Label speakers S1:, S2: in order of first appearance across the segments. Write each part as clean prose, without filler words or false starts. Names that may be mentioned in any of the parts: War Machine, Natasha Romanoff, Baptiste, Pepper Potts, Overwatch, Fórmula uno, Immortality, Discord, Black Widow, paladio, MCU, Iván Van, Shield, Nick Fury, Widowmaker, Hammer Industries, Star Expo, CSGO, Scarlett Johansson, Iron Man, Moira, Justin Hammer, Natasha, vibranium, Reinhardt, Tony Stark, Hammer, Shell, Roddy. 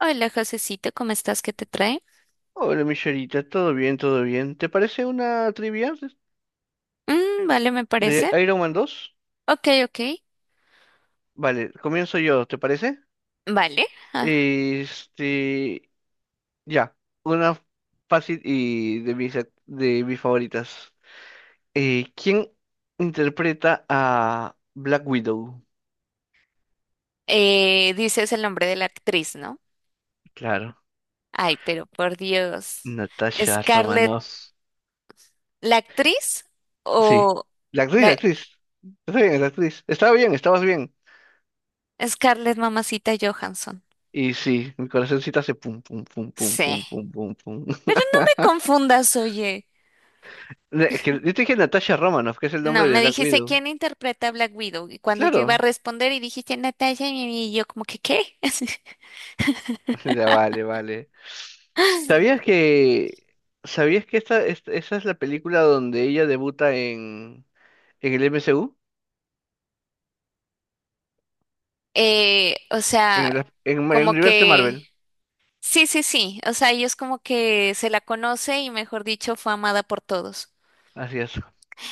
S1: Hola, Josecito, ¿cómo estás? ¿Qué te trae?
S2: Hola, Michelita, todo bien, todo bien. ¿Te parece una trivia
S1: Mm, vale, me
S2: de
S1: parece.
S2: Iron Man 2?
S1: Ok, ok.
S2: Vale, comienzo yo, ¿te parece?
S1: Vale. Ah,
S2: Este, ya, una fácil y de mis favoritas. ¿Quién interpreta a Black Widow?
S1: dices el nombre de la actriz, ¿no?
S2: Claro,
S1: Ay, pero por Dios.
S2: Natasha
S1: ¿Scarlett,
S2: Romanoff.
S1: la actriz
S2: Sí,
S1: o
S2: la actriz, la
S1: la
S2: actriz. Está bien, la actriz. Estaba bien, estabas bien.
S1: Scarlett Mamacita Johansson?
S2: Y sí, mi corazoncito hace pum, pum, pum, pum,
S1: Sí.
S2: pum, pum, pum, pum.
S1: Pero no me confundas, oye.
S2: No, es que yo te dije Natasha Romanoff, que es el
S1: No,
S2: nombre de
S1: me
S2: Black
S1: dijiste
S2: Widow.
S1: quién interpreta a Black Widow y cuando yo iba a
S2: Claro.
S1: responder y dijiste Natasha y yo como que ¿qué?
S2: Ya, vale, vale. ¿Sabías que, sabías que esa es la película donde ella debuta en el MCU?
S1: O
S2: En
S1: sea,
S2: el, en el
S1: como
S2: universo
S1: que
S2: Marvel.
S1: sí, sí, sí. O sea, ellos como que se la conoce y mejor dicho, fue amada por todos.
S2: Así es.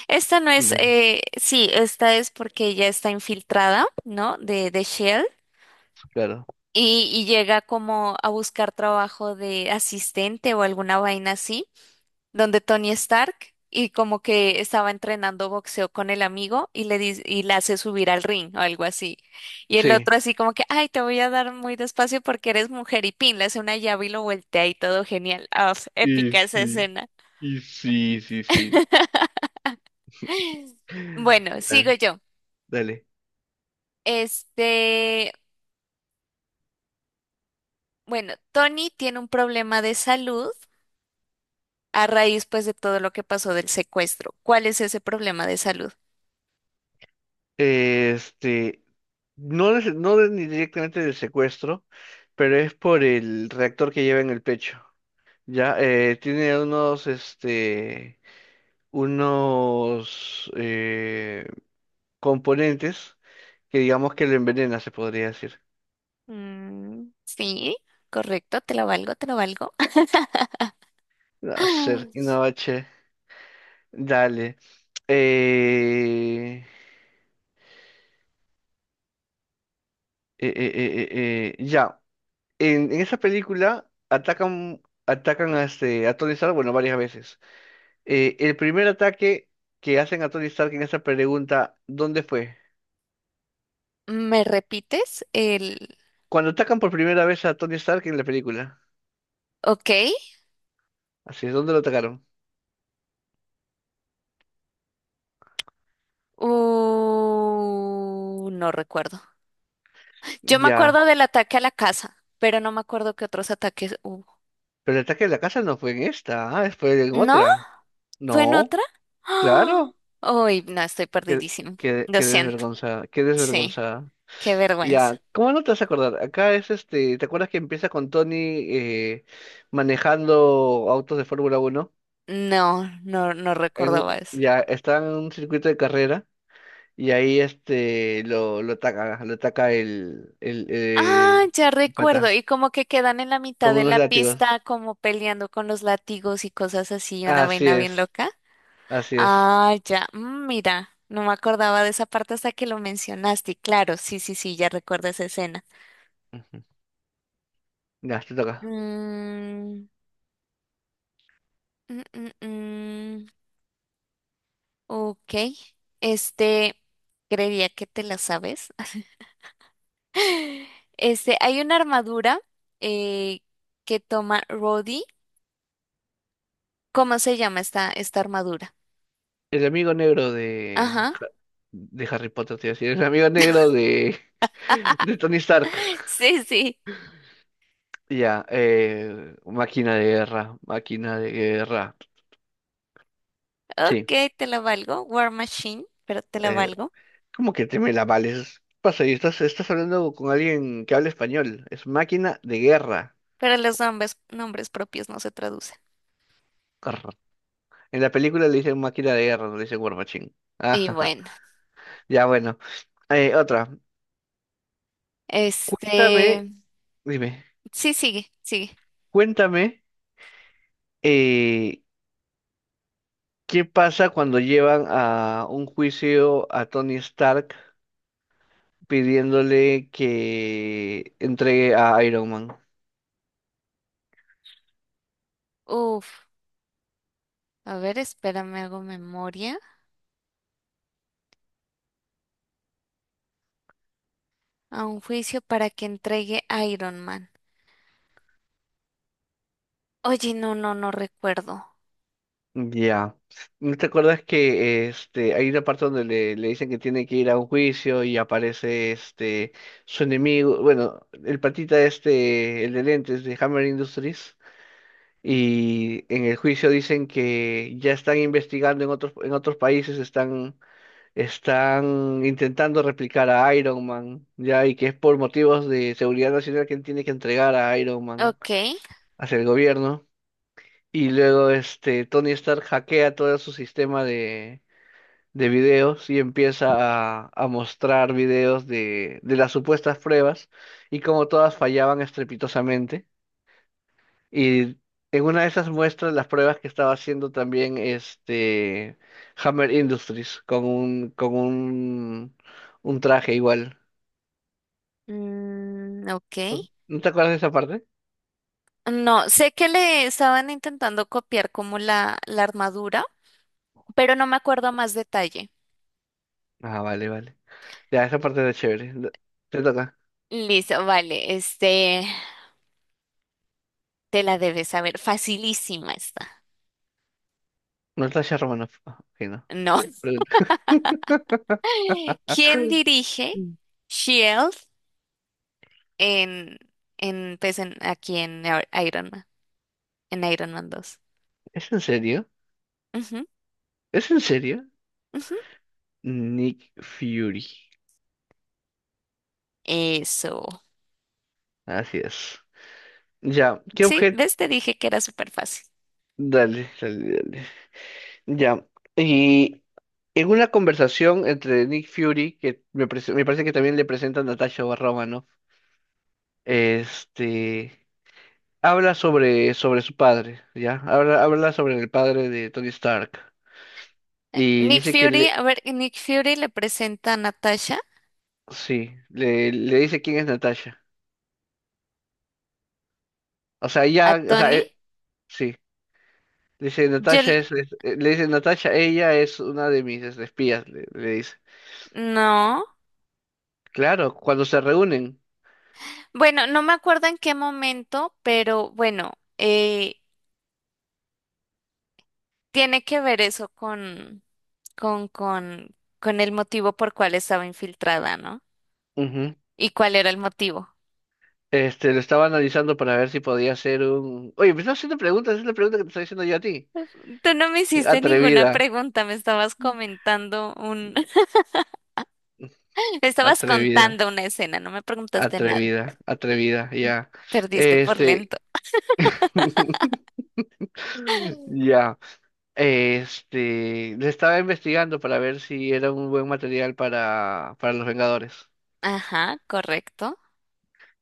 S1: Esta no es,
S2: Dale.
S1: sí, esta es porque ella está infiltrada, ¿no? De Shell
S2: Claro.
S1: y llega como a buscar trabajo de asistente o alguna vaina así donde Tony Stark y como que estaba entrenando boxeo con el amigo y le dice, y le hace subir al ring o algo así. Y el
S2: Sí.
S1: otro así como que, ay, te voy a dar muy despacio porque eres mujer y pin, le hace una llave y lo voltea y todo genial. Ah,
S2: Y
S1: épica esa
S2: sí,
S1: escena.
S2: y sí, sí, sí.
S1: Bueno,
S2: Ah,
S1: sigo yo.
S2: dale.
S1: Este, bueno, Tony tiene un problema de salud a raíz pues de todo lo que pasó del secuestro. ¿Cuál es ese problema de salud?
S2: Este, no, ni directamente del secuestro, pero es por el reactor que lleva en el pecho. Ya, tiene unos componentes que digamos que lo envenena, se podría decir.
S1: Mm, sí, correcto, te lo valgo, te lo valgo.
S2: Hacer Innovache, dale. Eh, ya, en esa película atacan a Tony Stark, bueno, varias veces. El primer ataque que hacen a Tony Stark en esa pregunta, ¿dónde fue?
S1: ¿Me repites el
S2: Cuando atacan por primera vez a Tony Stark en la película,
S1: ok?
S2: así es, ¿dónde lo atacaron?
S1: No recuerdo. Yo me
S2: Ya,
S1: acuerdo del ataque a la casa, pero no me acuerdo qué otros ataques hubo.
S2: pero el ataque de la casa no fue en esta, ah, fue en
S1: ¿No?
S2: otra.
S1: ¿Fue en
S2: No,
S1: otra? ¡Ah!
S2: claro.
S1: Uy, no, estoy
S2: Qué,
S1: perdidísimo.
S2: qué,
S1: Lo
S2: qué
S1: siento.
S2: desvergonzada, qué
S1: Sí,
S2: desvergonzada.
S1: qué vergüenza.
S2: Ya, ¿cómo no te vas a acordar? Acá es ¿te acuerdas que empieza con Tony eh, manejando autos de Fórmula uno?
S1: No, no, no recordaba eso.
S2: Ya está en un circuito de carrera y ahí lo ataca el, el,
S1: Ah,
S2: el
S1: ya recuerdo.
S2: pata
S1: Y como que quedan en la mitad
S2: con
S1: de
S2: unos
S1: la
S2: látigos.
S1: pista, como peleando con los látigos y cosas así, una
S2: Así
S1: vaina bien
S2: es,
S1: loca.
S2: así es.
S1: Ah, ya, mm, mira, no me acordaba de esa parte hasta que lo mencionaste. Y claro, sí, sí, sí, ya recuerdo esa escena.
S2: Ujú. Ya, te toca.
S1: Mm, mm, mm, mm, ok, este, creería que te la sabes. Este, hay una armadura eh, que toma Roddy. ¿Cómo se llama esta armadura?
S2: El amigo negro
S1: Ajá.
S2: De Harry Potter, te iba a decir. El amigo negro de, de Tony Stark.
S1: Sí, sí.
S2: Ya, máquina de guerra, máquina de guerra. Sí,
S1: Ok, te la valgo. War Machine, pero te la
S2: eh,
S1: valgo.
S2: ¿cómo que te me la vales? ¿Qué pasa? Y estás hablando con alguien que habla español. Es máquina de guerra.
S1: Pero los nombres, nombres propios no se traducen.
S2: Arr. En la película le dicen máquina de guerra, no le dicen War Machine.
S1: Y
S2: Ajaja.
S1: bueno.
S2: Ya, bueno. Otra. Cuéntame,
S1: Este,
S2: dime,
S1: sí, sigue, sigue.
S2: cuéntame eh, ¿qué pasa cuando llevan a un juicio a Tony Stark pidiéndole que entregue a Iron Man?
S1: Uf, a ver, espérame, hago memoria. A un juicio para que entregue a Iron Man. Oye, no recuerdo.
S2: Ya. ¿No te acuerdas que hay una parte donde le dicen que tiene que ir a un juicio y aparece su enemigo, bueno, el patita este, el de lentes de Hammer Industries? Y en el juicio dicen que ya están investigando en otros países, están intentando replicar a Iron Man, ya, y que es por motivos de seguridad nacional quien tiene que entregar a Iron Man
S1: Ok,
S2: hacia el gobierno. Y luego Tony Stark hackea todo su sistema de videos y empieza a mostrar videos de las supuestas pruebas y cómo todas fallaban estrepitosamente. Y en una de esas muestras, las pruebas que estaba haciendo también Hammer Industries con un traje igual.
S1: mm, ok.
S2: ¿No te acuerdas de esa parte?
S1: No, sé que le estaban intentando copiar como la armadura, pero no me acuerdo a más detalle.
S2: Ah, vale, vale. Ya, esa parte era chévere. Te toca.
S1: Listo, vale, este, te la debes saber. Facilísima está.
S2: Natasha Romanoff. Ah, ok, no.
S1: No.
S2: Pregunta.
S1: ¿Quién dirige?
S2: Mm.
S1: Shield en, pues en, aquí en Iron Man, en Iron Man dos.
S2: ¿Es en serio?
S1: Ujú,
S2: ¿Es en serio?
S1: ujú.
S2: Nick Fury.
S1: Eso.
S2: Así es. Ya, ¿qué
S1: Sí,
S2: objeto?
S1: ves, te dije que era súper fácil.
S2: Dale, dale, dale. Ya. y En una conversación entre Nick Fury, que me parece que también le presenta a Natasha Romanoff, este, habla sobre su padre, ¿ya? Habla sobre el padre de Tony Stark. Y
S1: Nick
S2: dice que
S1: Fury,
S2: le,
S1: a ver, Nick Fury le presenta a Natasha,
S2: sí, le dice quién es Natasha. O sea,
S1: a
S2: ya, o sea,
S1: Tony.
S2: sí. Dice,
S1: Yo,
S2: Natasha
S1: l-
S2: le dice, Natasha, ella es una de mis espías, le dice.
S1: no.
S2: Claro, cuando se reúnen.
S1: Bueno, no me acuerdo en qué momento, pero bueno, eh, tiene que ver eso con el motivo por cual estaba infiltrada, ¿no? ¿Y cuál era el motivo?
S2: Lo estaba analizando para ver si podía hacer un. Oye, me estás haciendo preguntas, es la pregunta que te estoy haciendo yo a ti.
S1: Tú no me hiciste ninguna
S2: Atrevida,
S1: pregunta, me estabas comentando un, me estabas
S2: atrevida,
S1: contando una escena, no me preguntaste nada.
S2: atrevida, atrevida, ya.
S1: Perdiste por
S2: Este,
S1: lento.
S2: ya. Le estaba investigando para ver si era un buen material para los Vengadores.
S1: Ajá, correcto.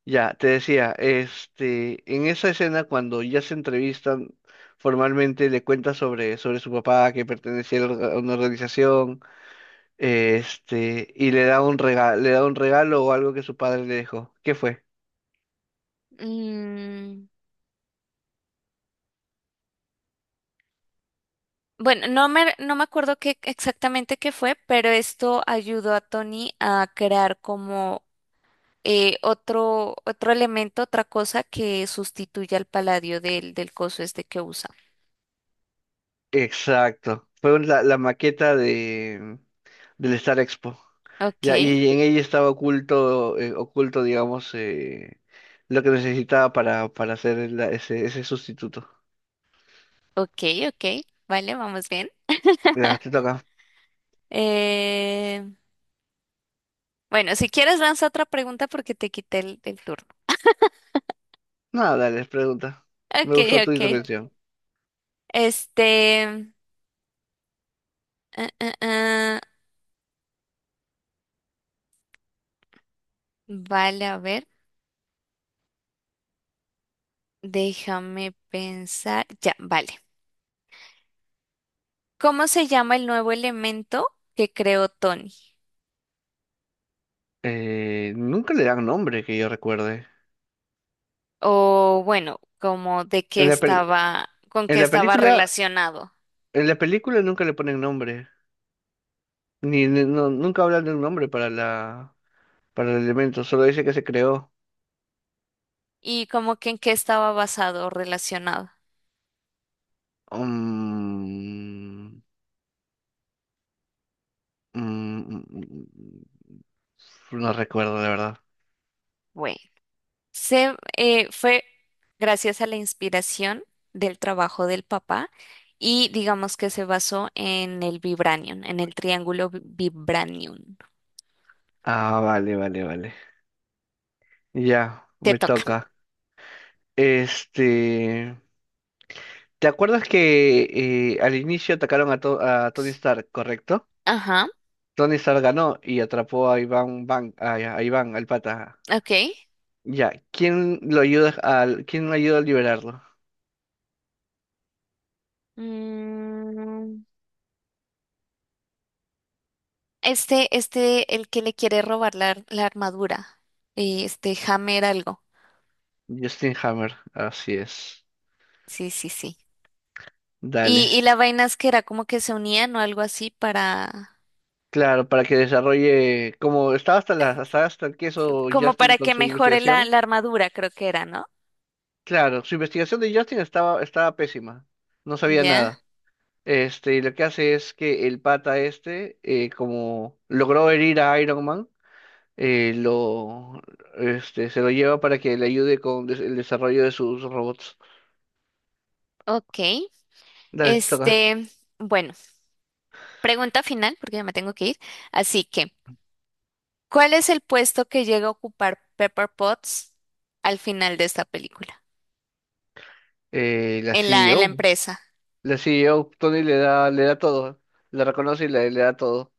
S2: Ya, te decía, en esa escena cuando ya se entrevistan formalmente, le cuenta sobre su papá que pertenecía a una organización. Y le da un regalo, le da un regalo o algo que su padre le dejó. ¿Qué fue?
S1: Mm, bueno, no me acuerdo qué exactamente qué fue, pero esto ayudó a Tony a crear como otro elemento, otra cosa que sustituya al paladio del coso este que usa.
S2: Exacto. La maqueta de del Star Expo.
S1: Ok,
S2: Ya, y en ella estaba oculto, oculto, digamos, lo que necesitaba para hacer ese sustituto.
S1: ok, ok. Vale, vamos bien.
S2: Ya, te toca.
S1: Eh, Bueno, si quieres lanza otra pregunta porque te quité el turno.
S2: Nada, dale, pregunta. Me
S1: Ok,
S2: gustó tu
S1: ok.
S2: intervención.
S1: Este, ah, ah, ah, vale, a ver, déjame pensar. Ya, vale. ¿Cómo se llama el nuevo elemento que creó Tony?
S2: Nunca le dan nombre, que yo recuerde.
S1: O bueno, como de qué
S2: En la, pel-
S1: estaba, con qué
S2: en la
S1: estaba
S2: película,
S1: relacionado
S2: en la película nunca le ponen nombre. No, nunca hablan de un nombre para la, para el elemento, solo dice que se creó.
S1: y como que en qué estaba basado o relacionado.
S2: Mm, mm, mm, mm, mm, no recuerdo, la verdad.
S1: Bueno. Se, fue gracias a la inspiración del trabajo del papá y digamos que se basó en el vibranium, en el triángulo vibranium.
S2: Ah, vale, vale, vale. Ya,
S1: Te
S2: me
S1: toca.
S2: toca. Este, ¿Te acuerdas que al inicio atacaron a Tony Stark, correcto?
S1: Ajá,
S2: Tony Stark ganó y atrapó a Iván, al pata.
S1: ok.
S2: Ya, ¿Quién ayuda a liberarlo?
S1: Mm, el que le quiere robar la armadura, este Hammer algo.
S2: Justin Hammer, así es.
S1: Sí, sí, sí.
S2: Dale,
S1: Y la vaina es que era como que se unían o algo así para,
S2: claro, para que desarrolle, como estaba hasta el queso
S1: como
S2: Justin
S1: para
S2: con
S1: que
S2: su
S1: mejore
S2: investigación,
S1: la armadura, creo que era, ¿no?
S2: claro, su investigación de Justin estaba pésima, no sabía
S1: Ya,
S2: nada. Y lo que hace es que el pata como logró herir a Iron Man, eh, lo, se lo lleva para que le ayude con el desarrollo de sus robots.
S1: ok.
S2: Dale, te toca.
S1: Este, bueno, pregunta final, porque ya me tengo que ir. Así que, ¿cuál es el puesto que llega a ocupar Pepper Potts al final de esta película?
S2: La
S1: En en la
S2: CEO,
S1: empresa.
S2: la CEO, Tony le da todo, la reconoce y le da todo.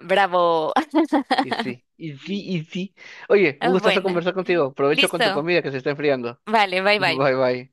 S1: Bravo.
S2: Y sí, y sí, y sí. Oye, un
S1: Ah,
S2: gustazo
S1: bueno,
S2: conversar contigo. Provecho con tu
S1: listo.
S2: comida que se está enfriando.
S1: Vale, bye
S2: Bye
S1: bye.
S2: bye.